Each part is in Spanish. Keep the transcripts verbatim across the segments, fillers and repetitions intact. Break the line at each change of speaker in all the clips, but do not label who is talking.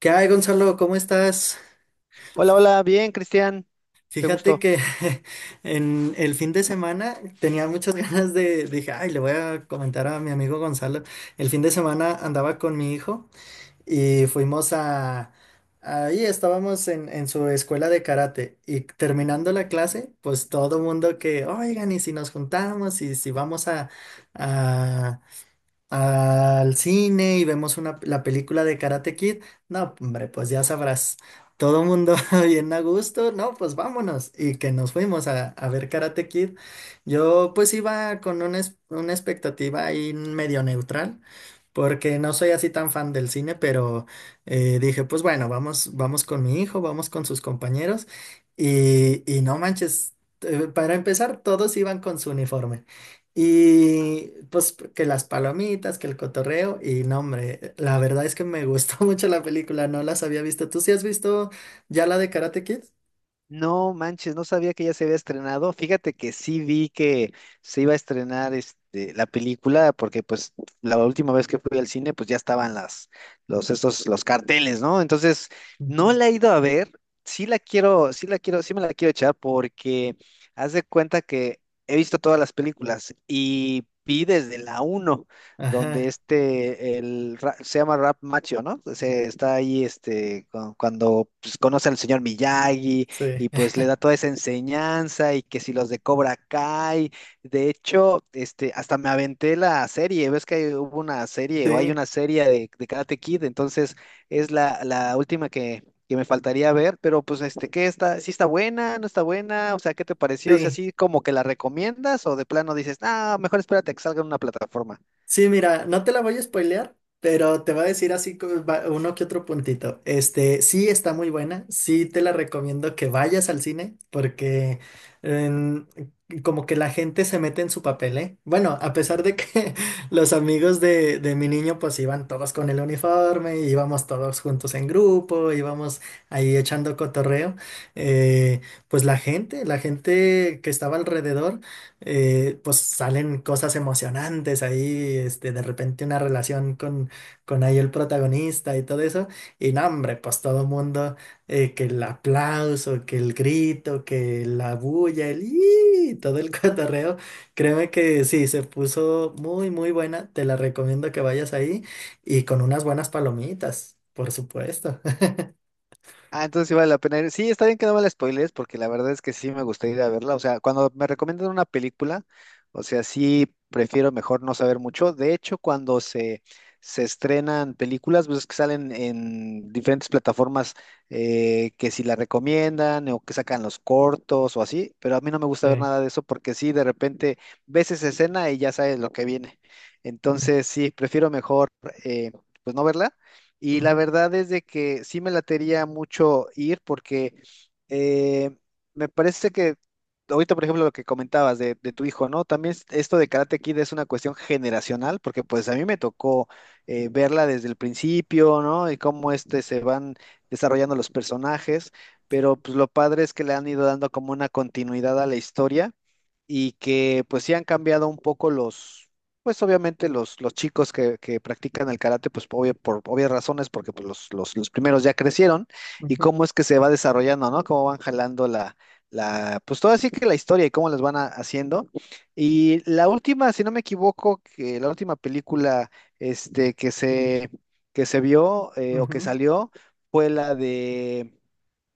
¿Qué hay, Gonzalo? ¿Cómo estás?
Hola, hola, bien, Cristian. Qué
Fíjate
gusto.
que en el fin de semana tenía muchas ganas de, dije, ay, le voy a comentar a mi amigo Gonzalo. El fin de semana andaba con mi hijo y fuimos a, ahí estábamos en, en su escuela de karate, y terminando la clase, pues todo mundo que, oigan, y si nos juntamos y si vamos a, al cine y vemos una, la película de Karate Kid. No, hombre, pues ya sabrás, todo el mundo bien a gusto, no, pues vámonos, y que nos fuimos a, a ver Karate Kid. Yo pues iba con una, es- una expectativa ahí medio neutral, porque no soy así tan fan del cine, pero eh, dije, pues bueno, vamos, vamos con mi hijo, vamos con sus compañeros, y, y no manches, eh, para empezar, todos iban con su uniforme. Y pues que las palomitas, que el cotorreo, y no, hombre, la verdad es que me gustó mucho la película, no las había visto. ¿Tú sí has visto ya la de Karate Kid?
No manches, no sabía que ya se había estrenado. Fíjate que sí vi que se iba a estrenar este, la película, porque pues la última vez que fui al cine, pues ya estaban las, los, estos, los carteles, ¿no? Entonces,
Ujú.
no la he ido a ver. Sí la quiero, sí la quiero, sí me la quiero echar, porque haz de cuenta que he visto todas las películas y vi desde la uno, donde
Ajá,
este, el, Ra- se llama Rap Macho, ¿no? Se está ahí este, cu- cuando pues, conoce al señor Miyagi
sí,
y pues le da toda esa enseñanza y que si los de Cobra Kai, de hecho, este, hasta me aventé la serie, ves que hay- hubo una serie o hay
sí,
una serie de, de Karate Kid, entonces es la, la última que, que me faltaría ver, pero pues este, ¿qué está? ¿Sí está buena? ¿No está buena? O sea, ¿qué te pareció? O sea,
sí.
¿sí como que la recomiendas o de plano dices, ah, mejor espérate a que salga en una plataforma?
Sí, mira, no te la voy a spoilear, pero te voy a decir así como va- uno que otro puntito. Este, sí está muy buena, sí te la recomiendo que vayas al cine porque em, como que la gente se mete en su papel, ¿eh? Bueno, a pesar de que los amigos de, de mi niño pues iban todos con el uniforme, íbamos todos juntos en grupo, íbamos ahí echando cotorreo, eh, pues la gente, la gente que estaba alrededor, eh, pues salen cosas emocionantes ahí, este, de repente una relación con, con ahí el protagonista y todo eso, y no, hombre, pues todo mundo, eh, que el aplauso, que el grito, que la bulla, el ¡ih! Todo el cotorreo, créeme que sí, se puso muy, muy buena, te la recomiendo que vayas ahí y con unas buenas palomitas, por supuesto.
Ah, entonces sí vale la pena ir. Sí, está bien que no me la spoilees, porque la verdad es que sí me gustaría ir a verla. O sea, cuando me recomiendan una película, o sea, sí prefiero mejor no saber mucho. De hecho, cuando se, se estrenan películas, pues es que salen en diferentes plataformas eh, que si la recomiendan o que sacan los cortos o así, pero a mí no me gusta ver
Sí.
nada de eso porque sí, de repente ves esa escena y ya sabes lo que viene.
Mm,
Entonces, sí, prefiero mejor eh, pues no verla y la
ujú,
verdad es de que sí me latería mucho ir porque eh, me parece que ahorita, por ejemplo, lo que comentabas de, de tu hijo, ¿no? También es- esto de Karate Kid es una cuestión generacional porque pues a mí me tocó eh, verla desde el principio, ¿no? Y cómo este se van desarrollando los personajes, pero pues lo padre es que le han ido dando como una continuidad a la historia y que pues sí han cambiado un poco los pues obviamente los, los chicos que, que practican el karate, pues obvio- por obvias razones, porque pues, los, los, los primeros ya crecieron, y
ujú,
cómo es que se va desarrollando, ¿no? Cómo van jalando la, la, pues todo así que la historia y cómo les van a- haciendo. Y la última, si no me equivoco, que la última película este, que se, que se vio eh, o que
ujú,
salió fue la de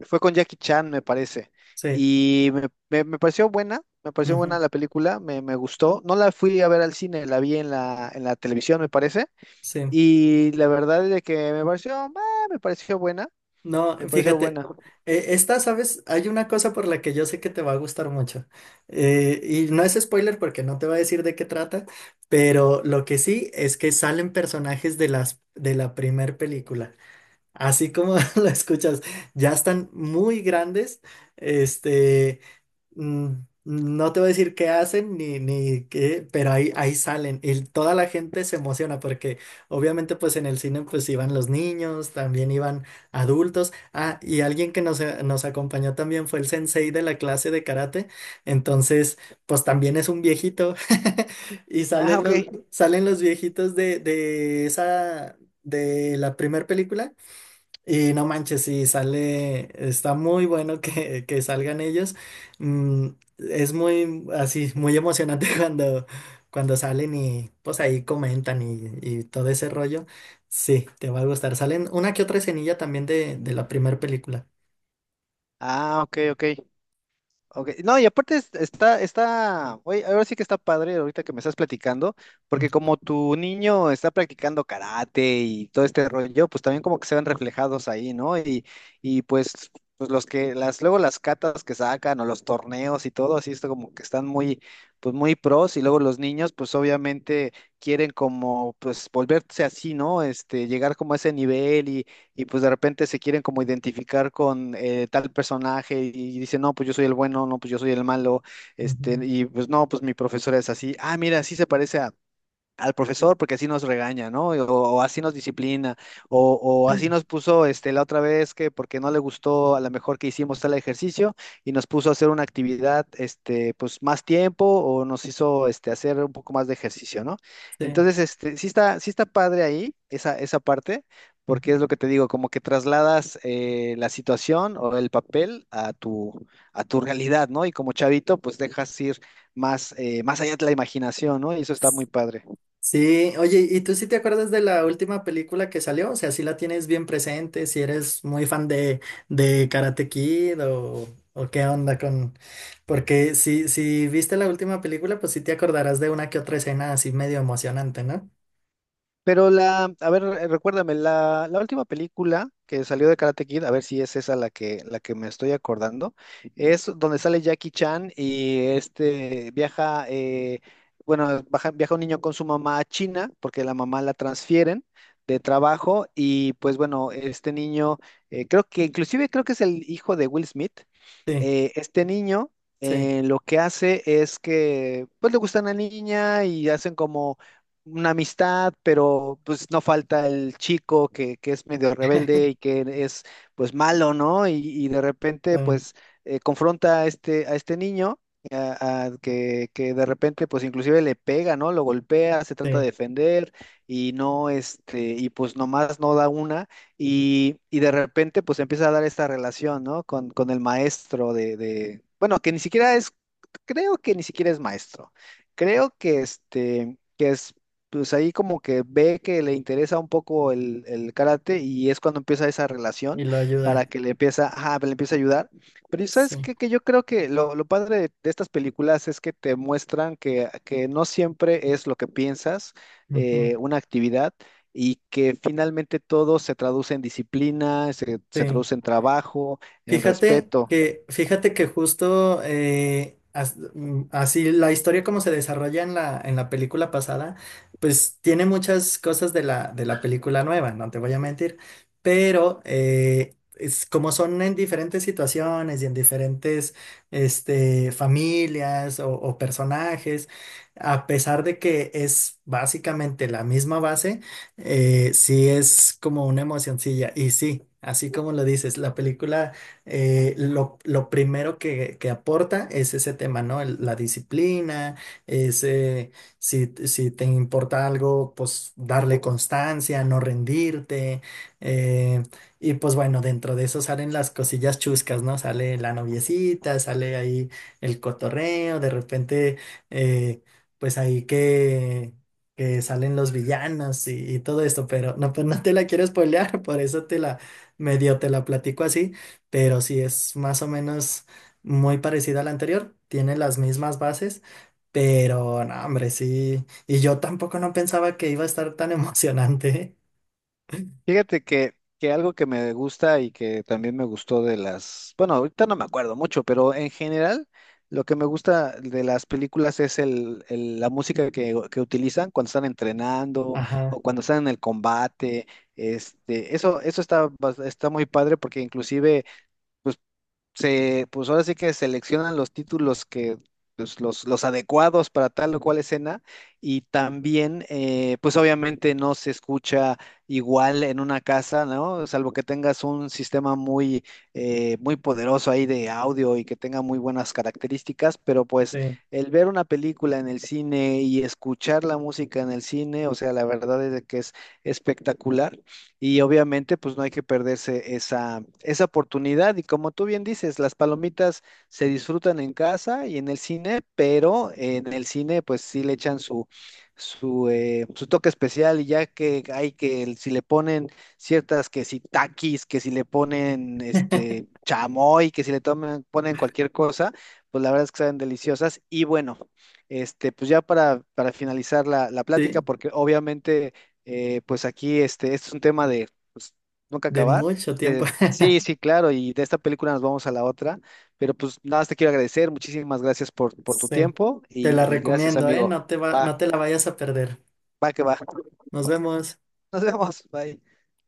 fue con Jackie Chan, me parece.
sí,
Y me, me- me pareció buena, me pareció buena
ujú,
la película, me, me gustó. No la fui a ver al cine, la vi en la, en la televisión, me parece.
sí.
Y la verdad es de que me pareció, ah, me pareció buena,
No,
me pareció
fíjate,
buena.
eh, esta, ¿sabes? Hay una cosa por la que yo sé que te va a gustar mucho. Eh, y no es spoiler porque no te va a decir de qué trata, pero lo que sí es que salen personajes de las, de la primer película. Así como lo escuchas, ya están muy grandes, este. Mm, no te voy a decir qué hacen ni, ni qué, pero ahí, ahí salen y toda la gente se emociona porque obviamente pues en el cine pues iban los niños, también iban adultos. Ah, y alguien que nos, eh, nos acompañó también fue el sensei de la clase de karate, entonces pues también es un viejito y
Ah,
salen
ok.
los, salen los viejitos de, de esa, de la primera película, y no manches, sí, sale, está muy bueno que, que salgan ellos. Mm, es muy, así, muy emocionante cuando, cuando salen y pues ahí comentan y, y todo ese rollo. Sí, te va a gustar. Salen una que otra escenilla también de, de la primera película.
Ah, ok, ok. Ok, no, y aparte es- está, está, oye, ahora sí que está padre ahorita que me estás platicando, porque
Ujú,
como tu niño está practicando karate y todo este rollo, pues también como que se ven reflejados ahí, ¿no? Y, y pues, pues los que, las, luego las catas que sacan o los torneos y todo, así está como que están muy, pues muy pros, y luego los niños, pues obviamente quieren como, pues volverse así, ¿no? Este, llegar como a ese nivel y pues de repente se quieren como identificar con eh, tal personaje y dicen, no, pues yo soy el bueno, no, pues yo soy el malo, este,
ujú.
y pues no, pues mi profesora es así, ah, mira, sí se parece a al profesor porque así nos regaña, ¿no? O, o así nos disciplina, o, o así nos puso este, la otra vez que porque no le gustó a lo mejor que hicimos tal ejercicio y nos puso a hacer una actividad este, pues más tiempo o nos hizo este, hacer un poco más de ejercicio, ¿no?
Sí.
Entonces, este, sí está, sí está padre ahí esa, esa parte. Porque es lo que te digo, como que trasladas eh, la situación o el papel a tu, a tu realidad, ¿no? Y como chavito, pues dejas ir más, eh, más allá de la imaginación, ¿no? Y eso está muy padre.
Sí, oye, ¿y tú sí te acuerdas de la última película que salió? O sea, si la tienes bien presente, si eres muy fan de, de Karate Kid o, o qué onda con... Porque si, si viste la última película, pues sí te acordarás de una que otra escena así medio emocionante, ¿no?
Pero la, a ver, eh, recuérdame, la, la última película que salió de Karate Kid, a ver si es esa la que, la que me estoy acordando, es donde sale Jackie Chan y este viaja, eh, bueno, baja- viaja un niño con su mamá a China, porque la mamá la transfieren de trabajo, y pues bueno, este niño, eh, creo que, inclusive creo que es el hijo de Will Smith,
Sí,
eh, este niño
sí,
eh, lo que hace es que pues le gusta una niña y hacen como una amistad, pero pues no falta el chico que, que es medio rebelde y que es pues malo, ¿no? Y, y de repente
sí,
pues eh, confronta a este, a este niño. a- a que, que de repente pues inclusive le pega, ¿no? Lo golpea, se trata
sí,
de defender y no, este, y pues nomás no da una y, y de repente, pues empieza a dar esta relación, ¿no? Con, con el maestro de, de- bueno, que ni siquiera es, creo que ni siquiera es maestro. Creo que este, que es, pues ahí como que ve que le interesa un poco el, el karate y es cuando empieza esa relación
y lo
para
ayuda,
que le empieza, ajá, le empieza a ayudar. Pero ¿y ¿sabes
sí,
qué? Que yo creo que lo, lo padre de, de estas películas es que te muestran que, que no siempre es lo que piensas
ujú,
eh, una actividad y que finalmente todo se traduce en disciplina, se, se
sí.
traduce en trabajo, en
Fíjate
respeto.
que, fíjate que justo eh, as- mm, así la historia como se desarrolla en la, en la película pasada, pues tiene muchas cosas de la, de la película nueva, no te voy a mentir, pero eh, es, como son en diferentes situaciones y en diferentes este, familias o, o personajes, a pesar de que es básicamente la misma base, eh, sí es como una emocioncilla y sí. Así como lo dices, la película, eh, lo, lo primero que, que aporta es ese tema, ¿no? El- la disciplina, ese, si, si te importa algo, pues darle constancia, no rendirte. eh, y pues bueno, dentro de eso salen las cosillas chuscas, ¿no? Sale la noviecita, sale ahí el cotorreo, de repente, eh, pues ahí que... que salen los villanos y, y todo esto, pero no, pues no te la quiero spoilear, por eso te la medio te la platico así, pero sí es más o menos muy parecida a la anterior, tiene las mismas bases, pero no, hombre, sí, y yo tampoco no pensaba que iba a estar tan emocionante. ¿Eh?
Fíjate que, que algo que me gusta y que también me gustó de las, bueno, ahorita no me acuerdo mucho, pero en general lo que me gusta de las películas es el, el- la música que, que utilizan cuando están entrenando
Ajá,
o cuando están en el combate. Este, eso, eso está, bas- está muy padre porque inclusive se, pues ahora sí que seleccionan los títulos que, pues, los, los adecuados para tal o cual escena y también, eh, pues obviamente no se escucha igual en una casa, ¿no? Salvo que tengas un sistema muy, eh, muy poderoso ahí de audio y que tenga muy buenas características, pero pues
sí.
el ver una película en el cine y escuchar la música en el cine, o sea, la verdad es de que es espectacular. Y obviamente, pues no hay que perderse esa, esa oportunidad. Y como tú bien dices, las palomitas se disfrutan en casa y en el cine, pero en el cine, pues sí le echan su, su, eh, su toque especial. Y ya que hay que, el- si le ponen ciertas, que si taquis, que si le ponen este chamoy, que si le toman, ponen cualquier cosa, pues la verdad es que saben deliciosas. Y bueno, este, pues ya para, para finalizar la, la plática,
Sí,
porque obviamente eh, pues aquí este, este es un tema de pues, nunca
de
acabar.
mucho tiempo.
Te- sí, sí, claro, y de esta película nos vamos a la otra, pero pues nada más te quiero agradecer, muchísimas gracias por, por tu
Sí,
tiempo
te la
y, y gracias,
recomiendo, ¿eh?
amigo.
No te va, no
Va,
te la vayas a perder.
va que va.
Nos vemos.
Nos vemos, bye.